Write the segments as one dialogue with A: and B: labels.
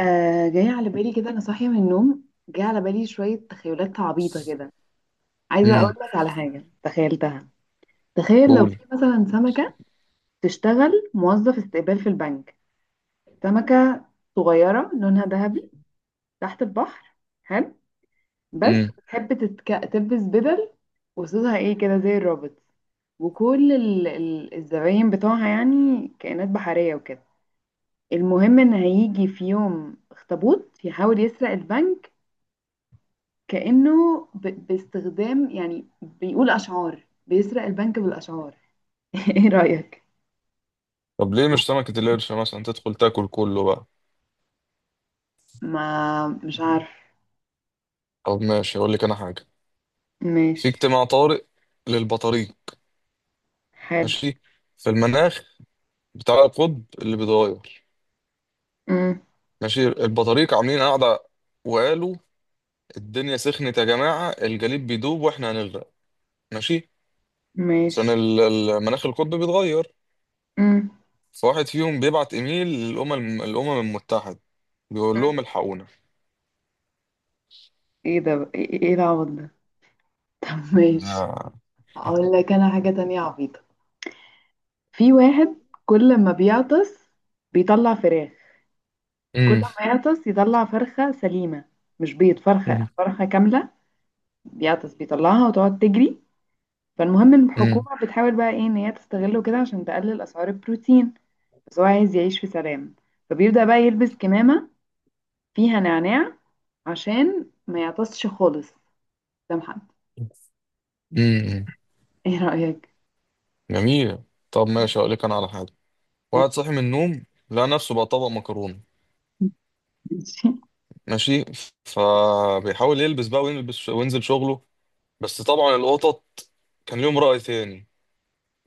A: آه جاي على بالي كده، انا صاحيه من النوم جاي على بالي شويه تخيلات عبيطه كده. عايزه
B: امم
A: اقول لك على حاجه تخيلتها. تخيل لو
B: قول
A: في مثلا سمكه تشتغل موظف استقبال في البنك. سمكه صغيره لونها ذهبي تحت البحر. حلو. بس
B: امم
A: بتحب تلبس بدل وصوصها ايه كده زي الرابط. وكل الزباين بتوعها يعني كائنات بحريه وكده. المهم ان هيجي في يوم اخطبوط يحاول يسرق البنك، كأنه باستخدام يعني بيقول أشعار، بيسرق البنك بالأشعار. ايه رأيك؟
B: طب ليه مش سمكة القرش مثلا تدخل تاكل كله بقى.
A: ما مش عارف.
B: طب ماشي اقول لك انا حاجة. في
A: ماشي.
B: اجتماع طارئ للبطاريق.
A: حلو.
B: ماشي. في المناخ بتاع القطب اللي بيتغير.
A: مم.
B: ماشي البطاريق عاملين قاعدة وقالوا الدنيا سخنت يا جماعة، الجليد بيدوب واحنا هنغرق. ماشي. عشان
A: ماشي.
B: المناخ القطب بيتغير.
A: مم.
B: فواحد فيهم بيبعت ايميل الأمم المتحدة بيقول
A: مم.
B: لهم الحقونا.
A: ايه ده بقى؟ ايه إيه العبط ده؟ طب ماشي،
B: ده-
A: اقول لك انا حاجة تانية عبيطة. في واحد كل ما بيعطس بيطلع فراخ. كل
B: امم
A: ما يعطس يطلع فرخة سليمة، مش بيض، فرخة
B: امم
A: فرخة كاملة. بيعطس بيطلعها وتقعد تجري. فالمهم الحكومة بتحاول بقى ايه ان هي تستغله كده عشان تقلل اسعار البروتين. بس هو عايز يعيش في سلام، فبيبدأ بقى يلبس كمامة فيها نعناع عشان ما يعطسش خالص قدام حد.
B: امم.
A: ايه رأيك؟
B: جميل. طب ماشي هقول لك انا على حاجه. واحد صاحي من النوم لقى نفسه بقى طبق مكرونه.
A: ماشي.
B: ماشي. فبيحاول يلبس بقى ويلبس وينزل شغله. بس طبعا القطط كان ليهم رأي تاني،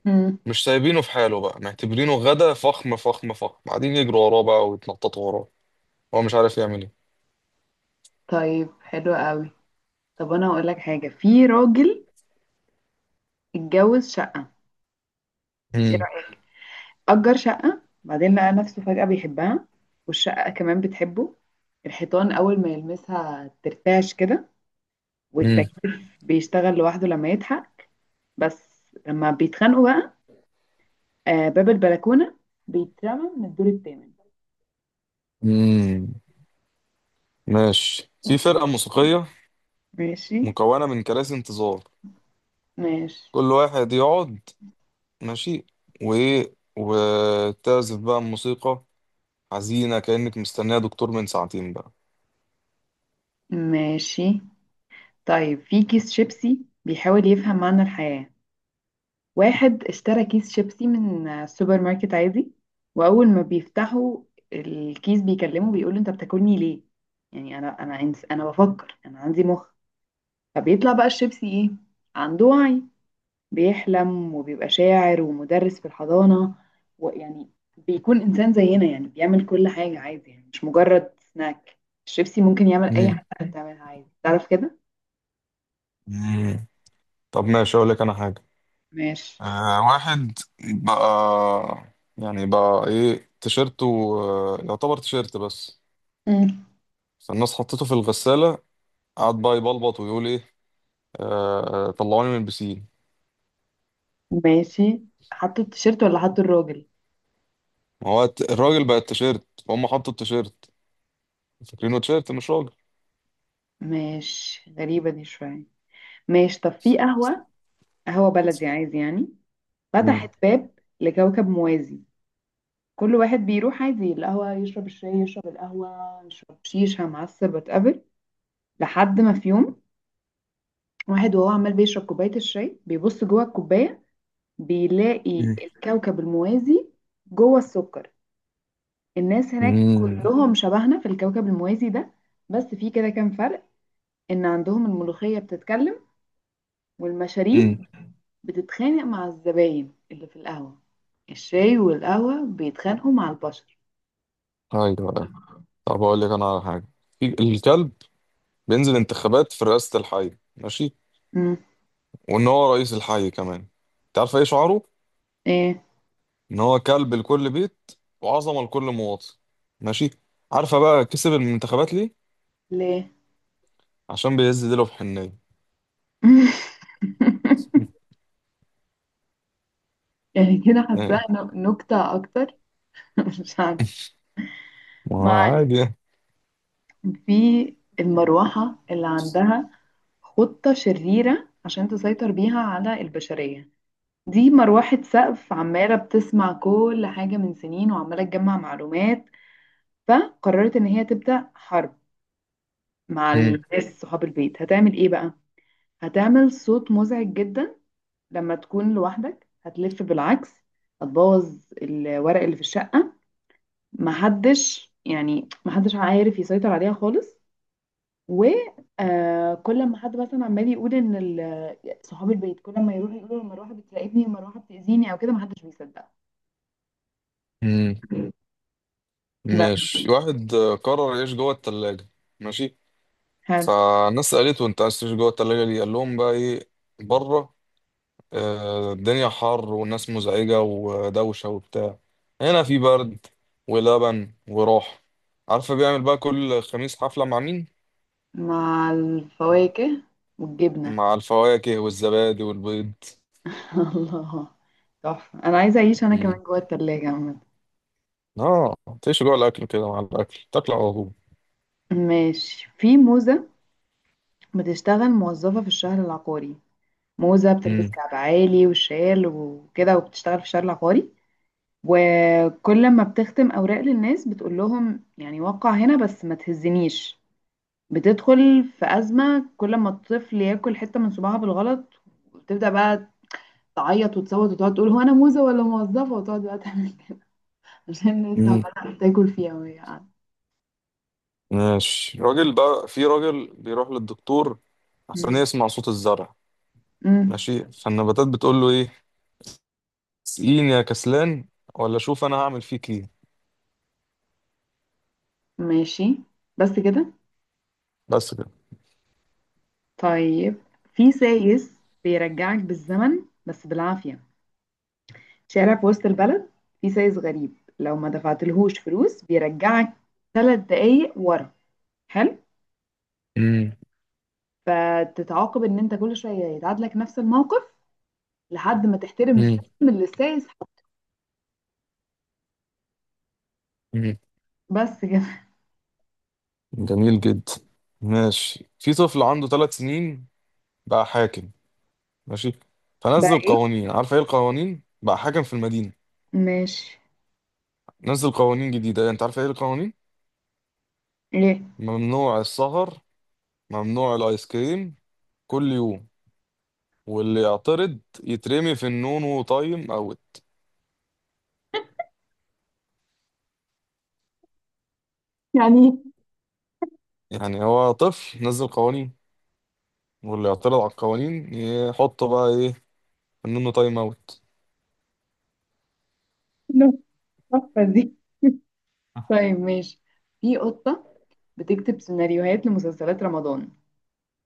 A: مم.
B: مش سايبينه في حاله بقى، معتبرينه غدا فخم فخم فخم، قاعدين يجروا وراه بقى ويتنططوا وراه. هو مش عارف يعمل ايه.
A: طيب حلو قوي. طب انا هقول لك حاجة. في راجل اتجوز شقة. ايه
B: مم.
A: رأيك؟ أجر شقة، بعدين لقى نفسه فجأة بيحبها، والشقة كمان بتحبه. الحيطان أول ما يلمسها ترتعش كده،
B: مم.
A: والتكييف بيشتغل لوحده لما يضحك. بس لما بيتخانقوا بقى، آه، باب البلكونة بيترمى من الدور الثامن.
B: مم. ماشي. في فرقة موسيقية
A: ماشي.
B: مكونة من كراسي انتظار،
A: ماشي.
B: كل واحد يقعد. ماشي. وايه، وتعزف بقى الموسيقى حزينة كأنك مستنية دكتور من ساعتين بقى.
A: ماشي. طيب في كيس شيبسي بيحاول يفهم معنى الحياة. واحد اشترى كيس شيبسي من السوبر ماركت عادي. وأول ما بيفتحوا الكيس بيكلمه، بيقول له أنت بتاكلني ليه؟ يعني أنا أنا بفكر، أنا عندي مخ. فبيطلع بقى الشيبسي إيه؟ عنده وعي، بيحلم وبيبقى شاعر ومدرس في الحضانة، ويعني بيكون إنسان زينا، يعني بيعمل كل حاجة عادي، يعني مش مجرد سناك. الشيبسي ممكن يعمل أي
B: مم.
A: حاجة بتعملها عادي، تعرف كده؟
B: مم. طب ماشي أقول لك أنا حاجة.
A: ماشي.
B: آه واحد بقى، يعني بقى إيه تيشيرته، آه يعتبر تيشيرت بس.
A: مم.
B: فالناس حطيته في الغسالة. قعد بقى يبلبط ويقول إيه، آه آه، طلعوني من البسين.
A: ماشي. حطوا التيشيرت ولا حطوا الراجل؟
B: ما هو الراجل بقى التيشيرت، فهم حطوا التيشيرت فاكرينه تيشيرت مش راجل.
A: ماشي، غريبة دي شوية. ماشي، طب في قهوة، قهوة بلدي عادي يعني،
B: مم.
A: فتحت باب لكوكب موازي. كل واحد بيروح عادي القهوة، يشرب الشاي، يشرب القهوة، يشرب شيشة معسل، وات ايفر. لحد ما في يوم واحد، وهو عمال بيشرب كوباية الشاي، بيبص جوه الكوباية بيلاقي
B: مم.
A: الكوكب الموازي جوه السكر. الناس هناك
B: امم
A: كلهم شبهنا في الكوكب الموازي ده، بس في كده كام فرق، ان عندهم الملوخية بتتكلم،
B: امم.
A: والمشاريب بتتخانق مع الزباين اللي في القهوة، الشاي والقهوة بيتخانقوا مع البشر.
B: ايوه. طب اقول لك انا على حاجه. الكلب بينزل انتخابات في رئاسه الحي. ماشي.
A: امم.
B: وان هو رئيس الحي كمان. انت عارفه ايه شعاره؟
A: ايه.
B: ان هو كلب لكل بيت، وعظمه لكل مواطن. ماشي. عارفه بقى كسب المنتخبات ليه؟
A: ليه.
B: عشان بيهز ديله في حنيه.
A: يعني كده حاساها
B: اه.
A: نكتة اكتر. مش عارفة.
B: ما هو
A: ما علينا.
B: عادي يعني.
A: في المروحة اللي عندها خطة شريرة عشان تسيطر بيها على البشرية. دي مروحة سقف عمالة بتسمع كل حاجة من سنين وعمالة تجمع معلومات. فقررت إن هي تبدأ حرب مع
B: مم.
A: الناس صحاب البيت. هتعمل إيه بقى؟ هتعمل صوت مزعج جدا لما تكون لوحدك، هتلف بالعكس، هتبوظ الورق اللي في الشقة. محدش، يعني محدش عارف يسيطر عليها خالص. وكل ما حد مثلا عمال يقول ان صحاب البيت كل ما يروح يقولوا المروحه بتراقبني، المروحه بتاذيني او كده، ما حدش بيصدق.
B: مم.
A: بس.
B: ماشي واحد قرر يعيش جوه التلاجة. ماشي.
A: حلو.
B: فالناس سألته انت عايز تعيش جوه التلاجة ليه؟ قال لهم بقى ايه؟ بره الدنيا حر والناس مزعجة ودوشة وبتاع. هنا في برد ولبن وراحة. عارفة بيعمل بقى كل خميس حفلة مع مين؟
A: مع الفواكه والجبنه.
B: مع الفواكه والزبادي والبيض.
A: الله، تحفه. انا عايزه اعيش انا
B: مم.
A: كمان جوه التلاجة عامه.
B: اه. تعيش جوه الأكل كده، مع الأكل تاكل على طول.
A: ماشي، في موزه بتشتغل موظفه في الشهر العقاري. موزه بتلبس
B: مم.
A: كعب عالي وشال وكده وبتشتغل في الشهر العقاري، وكل ما بتختم أوراق للناس بتقول لهم يعني وقع هنا بس ما تهزنيش. بتدخل في أزمة كل ما الطفل ياكل حتة من صباعها بالغلط، وتبدأ بقى تعيط وتصوت وتقعد تقول هو أنا موزة ولا موظفة، وتقعد بقى تعمل كده. عشان الناس
B: مم.
A: عمالة تاكل فيها وهي قاعدة.
B: ماشي راجل، بقى في راجل بيروح للدكتور عشان
A: مم.
B: يسمع صوت الزرع.
A: مم.
B: ماشي. فالنباتات بتقول له ايه؟ سقيني يا كسلان ولا شوف انا هعمل فيك ايه.
A: ماشي. بس كده.
B: بس كده.
A: طيب في سايس بيرجعك بالزمن بس بالعافية. شارع في وسط البلد فيه سايس غريب، لو ما دفعتلهوش فلوس بيرجعك 3 دقايق ورا. حلو.
B: مم.
A: فتتعاقب ان انت كل شويه يتعاد لك نفس الموقف لحد ما تحترم
B: مم.
A: السيستم اللي السايس حاطه.
B: مم.
A: بس كده.
B: جميل جدا. ماشي. في طفل عنده 3 سنين بقى حاكم. ماشي.
A: بقى
B: فنزل
A: ايه.
B: قوانين. عارف ايه القوانين بقى حاكم في المدينة؟
A: ماشي.
B: نزل قوانين جديدة. يعني انت عارف ايه القوانين؟
A: ايه.
B: ممنوع السهر، ممنوع الايس كريم كل يوم، واللي يعترض يترمي في النون وطايم او
A: يعني
B: يعني، هو طفل نزل قوانين، واللي يعترض على القوانين يحطه بقى ايه؟ في النون وطايم اوت.
A: إيه التحفه دي. طيب ماشي. في قطه بتكتب سيناريوهات لمسلسلات رمضان.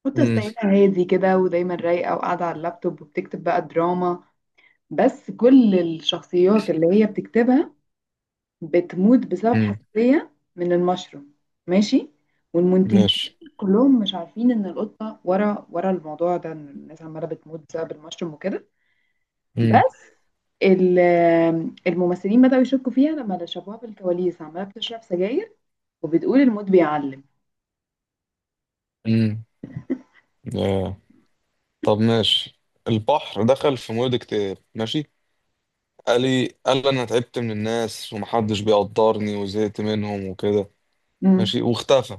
A: قطه
B: امم
A: ستايلها هادي كده ودايما رايقه وقاعده على اللابتوب وبتكتب بقى دراما. بس كل الشخصيات اللي هي بتكتبها بتموت بسبب
B: امم.
A: حساسية من المشروم. ماشي. والمنتجين
B: ماشي.
A: كلهم مش عارفين ان القطة ورا الموضوع ده، ان الناس عمالة بتموت بسبب المشروم وكده.
B: امم
A: بس ال- الممثلين بدأوا يشكوا فيها لما شافوها في الكواليس عمالة بتشرب سجاير وبتقول الموت بيعلم.
B: امم. طب ماشي. البحر دخل في مود اكتئاب. ماشي. قال لي انا تعبت من الناس ومحدش بيقدرني وزهقت منهم وكده.
A: مم.
B: ماشي واختفى.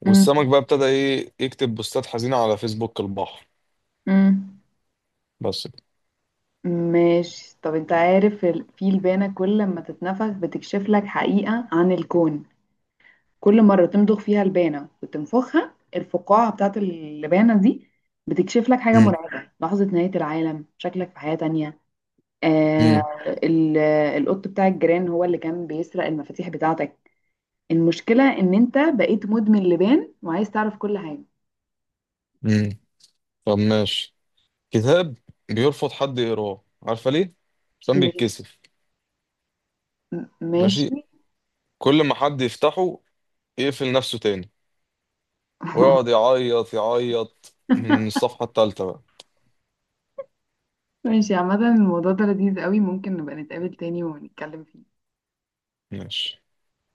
B: والسمك
A: مم.
B: بقى ابتدى ايه، يكتب بوستات حزينة على فيسبوك البحر.
A: مم.
B: بس كده.
A: ماشي. طب انت عارف في البانة كل لما تتنفخ بتكشف لك حقيقة عن الكون. كل مرة تمضغ فيها لبانة وتنفخها، الفقاعة بتاعت اللبانة دي بتكشف لك حاجة
B: مم.
A: مرعبة، لحظة نهاية العالم، شكلك في حياة تانية. آه،
B: مم.
A: ال- القط بتاع الجيران هو اللي كان بيسرق المفاتيح بتاعتك. المشكلة ان انت بقيت مدمن لبان وعايز تعرف كل حاجة.
B: مم. طب ماشي. كتاب بيرفض حد يقراه. عارفة ليه؟ عشان
A: ليه؟
B: بيتكسف. ماشي.
A: ماشي.
B: كل ما حد يفتحه يقفل نفسه تاني ويقعد يعيط يعيط من الصفحة التالتة بقى.
A: ماشي، عامة الموضوع ده لذيذ قوي، ممكن نبقى نتقابل تاني ونتكلم فيه.
B: ماشي